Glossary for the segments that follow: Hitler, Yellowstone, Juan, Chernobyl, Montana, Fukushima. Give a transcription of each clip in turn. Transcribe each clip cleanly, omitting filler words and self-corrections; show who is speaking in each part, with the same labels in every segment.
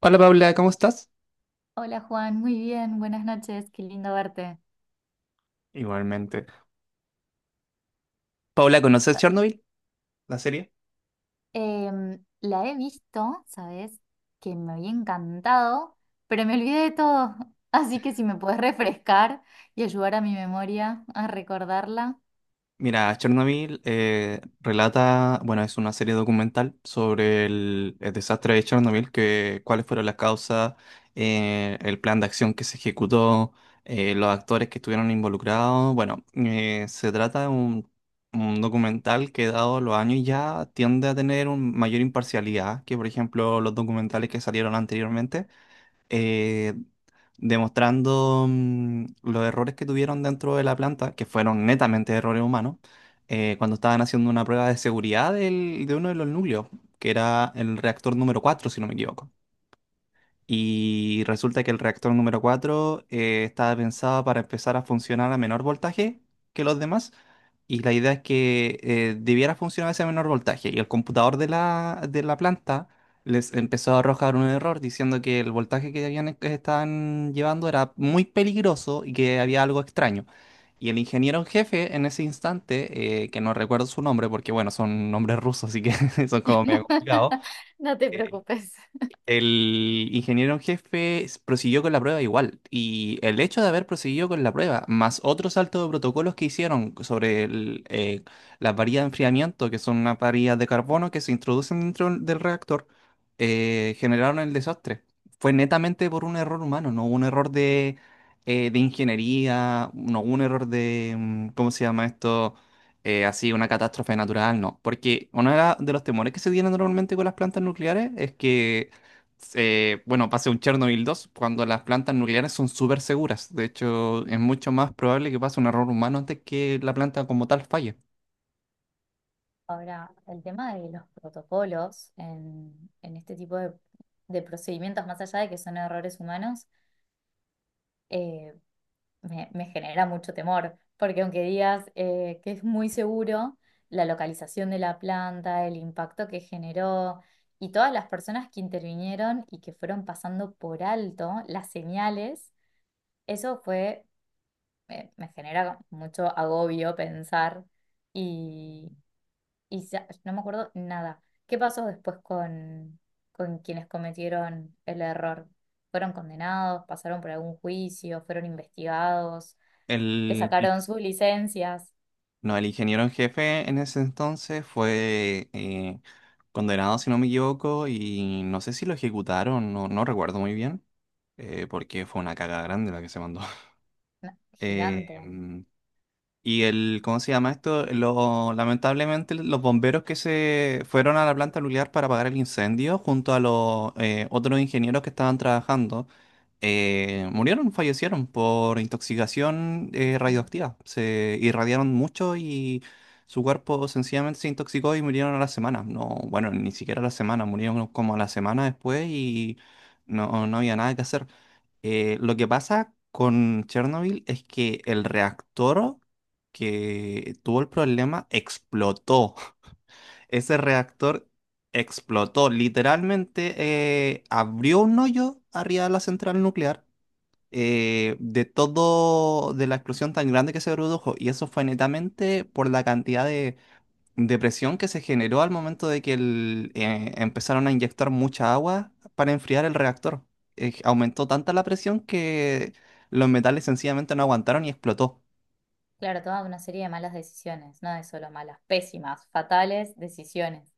Speaker 1: Hola Paula, ¿cómo estás?
Speaker 2: Hola Juan, muy bien, buenas noches, qué lindo verte.
Speaker 1: Igualmente. Paula, ¿conoces Chernobyl, la serie?
Speaker 2: La he visto, ¿sabes? Que me había encantado, pero me olvidé de todo. Así que si me puedes refrescar y ayudar a mi memoria a recordarla,
Speaker 1: Mira, Chernobyl relata, bueno, es una serie documental sobre el desastre de Chernobyl, que, cuáles fueron las causas, el plan de acción que se ejecutó, los actores que estuvieron involucrados. Bueno, se trata de un documental que, dado los años, ya tiende a tener una mayor imparcialidad que, por ejemplo, los documentales que salieron anteriormente. eh, Demostrando los errores que tuvieron dentro de la planta, que fueron netamente errores humanos, cuando estaban haciendo una prueba de seguridad de uno de los núcleos, que era el reactor número 4 si no me equivoco. Y resulta que el reactor número 4 estaba pensado para empezar a funcionar a menor voltaje que los demás. Y la idea es que debiera funcionar ese menor voltaje. Y el computador de la planta les empezó a arrojar un error diciendo que el voltaje que que estaban llevando era muy peligroso y que había algo extraño. Y el ingeniero en jefe en ese instante, que no recuerdo su nombre porque bueno, son nombres rusos, así que son como medio complicados
Speaker 2: no te
Speaker 1: eh,
Speaker 2: preocupes.
Speaker 1: el ingeniero en jefe prosiguió con la prueba igual, y el hecho de haber proseguido con la prueba, más otros saltos de protocolos que hicieron sobre el, las varillas de enfriamiento, que son unas varillas de carbono que se introducen dentro del reactor, generaron el desastre. Fue netamente por un error humano, no hubo un error de ingeniería, no hubo un error de, ¿cómo se llama esto? Así una catástrofe natural, no. Porque uno de de los temores que se tienen normalmente con las plantas nucleares es que bueno, pase un Chernobyl dos cuando las plantas nucleares son súper seguras. De hecho, es mucho más probable que pase un error humano antes que la planta como tal falle.
Speaker 2: Ahora, el tema de los protocolos en este tipo de procedimientos, más allá de que son errores humanos, me genera mucho temor, porque aunque digas que es muy seguro, la localización de la planta, el impacto que generó y todas las personas que intervinieron y que fueron pasando por alto las señales, eso fue, me genera mucho agobio pensar y, y no me acuerdo nada. ¿Qué pasó después con quienes cometieron el error? ¿Fueron condenados? ¿Pasaron por algún juicio? ¿Fueron investigados? Le
Speaker 1: El,
Speaker 2: sacaron sus licencias.
Speaker 1: no, el ingeniero en jefe en ese entonces fue condenado, si no me equivoco, y no sé si lo ejecutaron, no, no recuerdo muy bien, porque fue una caga grande la que se mandó.
Speaker 2: No,
Speaker 1: Eh,
Speaker 2: gigante.
Speaker 1: y el, ¿cómo se llama esto? Lamentablemente los bomberos que se fueron a la planta nuclear para apagar el incendio junto a los otros ingenieros que estaban trabajando, murieron, fallecieron por intoxicación
Speaker 2: Sí, sí.
Speaker 1: radioactiva. Se irradiaron mucho y su cuerpo sencillamente se intoxicó y murieron a la semana. No, bueno, ni siquiera a la semana, murieron como a la semana después y no, no había nada que hacer. Lo que pasa con Chernobyl es que el reactor que tuvo el problema explotó. Ese reactor explotó. Literalmente abrió un hoyo arriba de la central nuclear de todo, de la explosión tan grande que se produjo. Y eso fue netamente por la cantidad de depresión que se generó al momento de que empezaron a inyectar mucha agua para enfriar el reactor. Aumentó tanta la presión que los metales sencillamente no aguantaron y explotó.
Speaker 2: Claro, toda una serie de malas decisiones, no de solo malas, pésimas, fatales decisiones.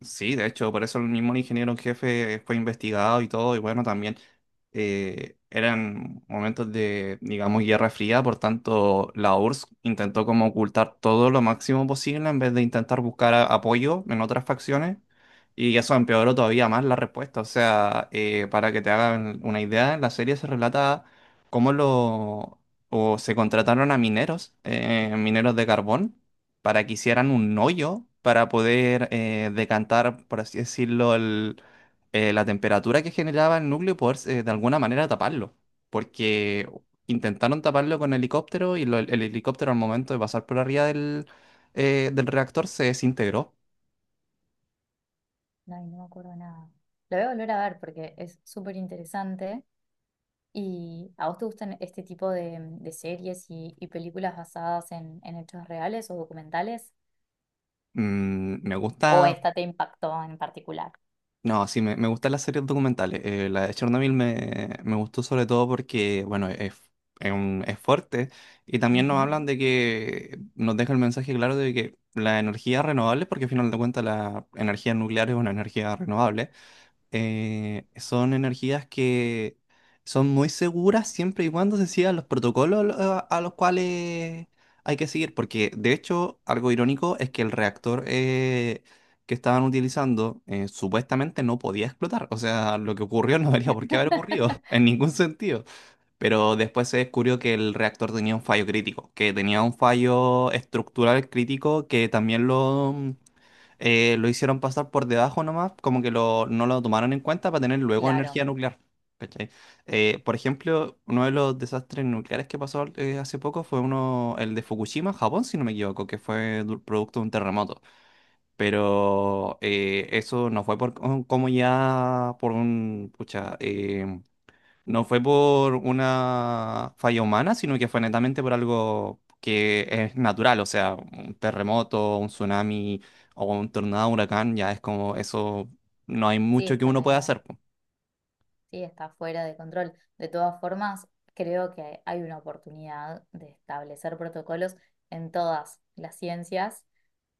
Speaker 1: Sí, de hecho, por eso el mismo ingeniero en jefe fue investigado y todo, y bueno, también eran momentos de, digamos, guerra fría, por tanto, la URSS intentó como ocultar todo lo máximo posible en vez de intentar buscar apoyo en otras facciones, y eso empeoró todavía más la respuesta. O sea, para que te hagan una idea, en la serie se relata cómo lo, o se contrataron a mineros, mineros de carbón para que hicieran un hoyo para poder decantar, por así decirlo, la temperatura que generaba el núcleo y poder de alguna manera taparlo. Porque intentaron taparlo con helicóptero y el helicóptero al momento de pasar por arriba del, del reactor se desintegró.
Speaker 2: Ay, no me acuerdo nada. Lo voy a volver a ver porque es súper interesante. ¿Y a vos te gustan este tipo de series y películas basadas en hechos reales o documentales?
Speaker 1: Mm, me
Speaker 2: ¿O
Speaker 1: gusta.
Speaker 2: esta te impactó en particular?
Speaker 1: No, sí, me gustan las series documentales. La de Chernobyl me, me gustó sobre todo porque, bueno, es, es fuerte y también nos
Speaker 2: Ujú.
Speaker 1: hablan de que nos deja el mensaje claro de que la energía renovable, porque al final de cuentas la energía nuclear es una energía renovable, son energías que son muy seguras siempre y cuando se sigan los protocolos a los cuales hay que seguir, porque de hecho algo irónico es que el reactor que estaban utilizando supuestamente no podía explotar, o sea, lo que ocurrió no debería por qué haber ocurrido en ningún sentido, pero después se descubrió que el reactor tenía un fallo crítico, que tenía un fallo estructural crítico que también lo hicieron pasar por debajo nomás, como que lo, no lo tomaron en cuenta para tener luego
Speaker 2: Claro,
Speaker 1: energía nuclear. ¿Cachai? Por ejemplo, uno de los desastres nucleares que pasó hace poco fue uno, el de Fukushima, Japón, si no me equivoco, que fue producto de un terremoto. Pero eso no fue por, como ya por un, pucha, no fue por una falla humana, sino que fue netamente por algo que es natural, o sea, un terremoto, un tsunami o un tornado, un huracán, ya es como eso, no hay
Speaker 2: sí,
Speaker 1: mucho que
Speaker 2: está
Speaker 1: uno pueda
Speaker 2: medio.
Speaker 1: hacer. Po.
Speaker 2: Sí, está fuera de control. De todas formas, creo que hay una oportunidad de establecer protocolos en todas las ciencias,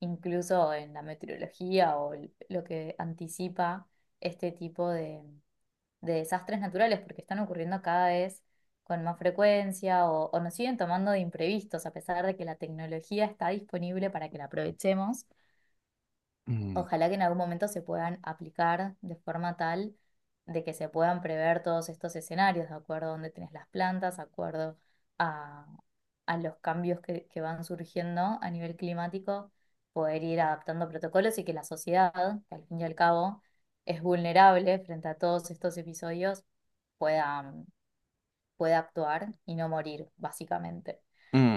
Speaker 2: incluso en la meteorología o lo que anticipa este tipo de desastres naturales, porque están ocurriendo cada vez con más frecuencia o nos siguen tomando de imprevistos, a pesar de que la tecnología está disponible para que la aprovechemos.
Speaker 1: Mm.
Speaker 2: Ojalá que en algún momento se puedan aplicar de forma tal de que se puedan prever todos estos escenarios, de acuerdo a dónde tenés las plantas, de acuerdo a, a los cambios que van surgiendo a nivel climático, poder ir adaptando protocolos y que la sociedad, que al fin y al cabo es vulnerable frente a todos estos episodios, pueda pueda actuar y no morir, básicamente.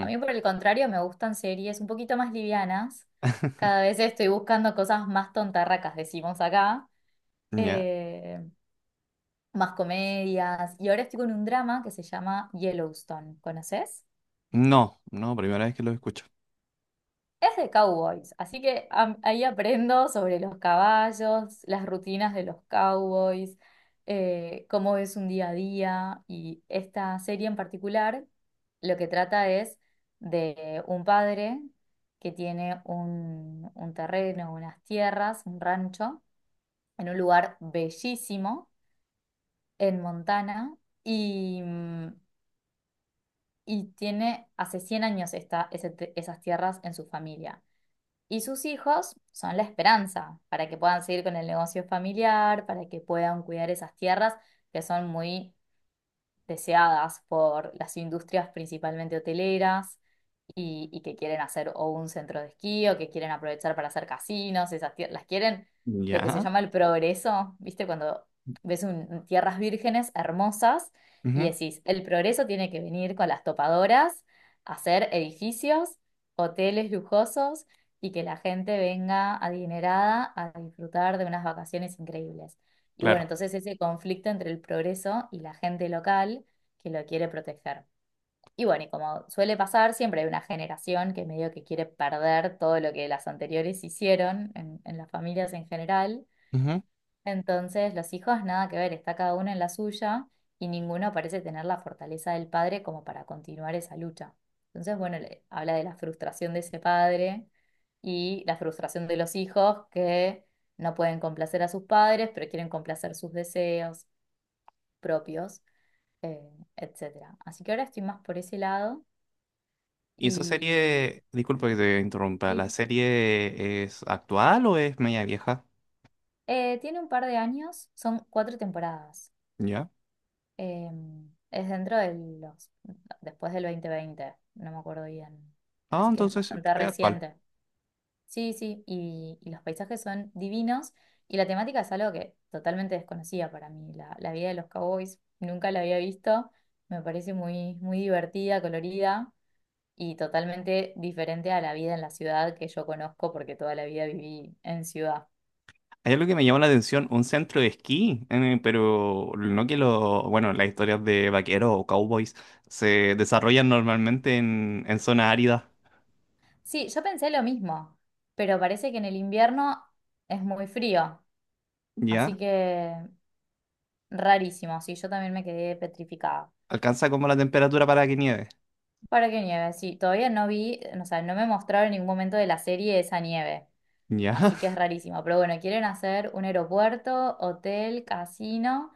Speaker 2: A mí, por el contrario, me gustan series un poquito más livianas. Cada vez estoy buscando cosas más tontarracas, decimos acá,
Speaker 1: Ya.
Speaker 2: eh, más comedias. Y ahora estoy con un drama que se llama Yellowstone. ¿Conoces?
Speaker 1: No, no, primera vez que lo escucho.
Speaker 2: Es de cowboys, así que ahí aprendo sobre los caballos, las rutinas de los cowboys, cómo es un día a día y esta serie en particular lo que trata es de un padre que tiene un terreno, unas tierras, un rancho en un lugar bellísimo en Montana y y tiene hace 100 años está ese esas tierras en su familia. Y sus hijos son la esperanza para que puedan seguir con el negocio familiar, para que puedan cuidar esas tierras que son muy deseadas por las industrias principalmente hoteleras y que quieren hacer o un centro de esquí o que quieren aprovechar para hacer casinos, esas las quieren lo que se
Speaker 1: Ya.
Speaker 2: llama el progreso, ¿viste? Cuando ves tierras vírgenes hermosas y
Speaker 1: Ujú.
Speaker 2: decís, el progreso tiene que venir con las topadoras, hacer edificios, hoteles lujosos y que la gente venga adinerada a disfrutar de unas vacaciones increíbles. Y bueno,
Speaker 1: Claro.
Speaker 2: entonces ese conflicto entre el progreso y la gente local que lo quiere proteger. Y bueno, y como suele pasar, siempre hay una generación que medio que quiere perder todo lo que las anteriores hicieron en las familias en general.
Speaker 1: Ujú.
Speaker 2: Entonces, los hijos nada que ver, está cada uno en la suya y ninguno parece tener la fortaleza del padre como para continuar esa lucha. Entonces, bueno, habla de la frustración de ese padre y la frustración de los hijos que no pueden complacer a sus padres, pero quieren complacer sus deseos propios, eh, etcétera. Así que ahora estoy más por ese lado
Speaker 1: ¿Y esa
Speaker 2: y
Speaker 1: serie, disculpa que te interrumpa,
Speaker 2: y,
Speaker 1: la serie es actual o es media vieja?
Speaker 2: eh, tiene un par de años, son 4 temporadas.
Speaker 1: Ya.
Speaker 2: Eh, es dentro de los, después del 2020 no me acuerdo bien.
Speaker 1: Ah,
Speaker 2: Así que es
Speaker 1: entonces
Speaker 2: bastante
Speaker 1: es actual.
Speaker 2: reciente. Sí, sí, y los paisajes son divinos y la temática es algo que totalmente desconocía para mí. La vida de los cowboys nunca la había visto. Me parece muy, muy divertida, colorida y totalmente diferente a la vida en la ciudad que yo conozco porque toda la vida viví en ciudad.
Speaker 1: Hay algo que me llama la atención, un centro de esquí, pero no que lo, bueno, las historias de vaqueros o cowboys se desarrollan normalmente en zonas áridas,
Speaker 2: Sí, yo pensé lo mismo, pero parece que en el invierno es muy frío. Así
Speaker 1: ¿ya?
Speaker 2: que rarísimo, sí, yo también me quedé petrificada.
Speaker 1: Alcanza como la temperatura para que nieve,
Speaker 2: ¿Para qué nieve? Sí, todavía no vi, o sea, no me mostraron en ningún momento de la serie esa nieve,
Speaker 1: ¿ya?
Speaker 2: así que es rarísimo. Pero bueno, quieren hacer un aeropuerto, hotel, casino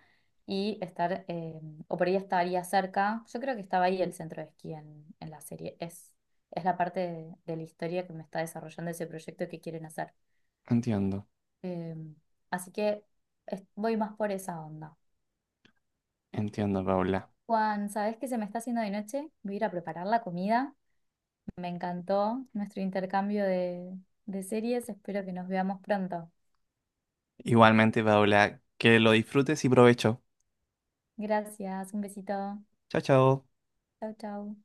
Speaker 2: y estar, o por ahí estaría cerca, yo creo que estaba ahí el centro de esquí en la serie, es la parte de la historia que me está desarrollando ese proyecto que quieren hacer.
Speaker 1: Entiendo,
Speaker 2: Eh, Así que voy más por esa onda.
Speaker 1: entiendo, Paula.
Speaker 2: Juan, ¿sabes qué se me está haciendo de noche? Voy a ir a preparar la comida. Me encantó nuestro intercambio de series. Espero que nos veamos pronto.
Speaker 1: Igualmente, Paula, que lo disfrutes y provecho.
Speaker 2: Gracias, un besito.
Speaker 1: Chao, chao.
Speaker 2: Chau, chau.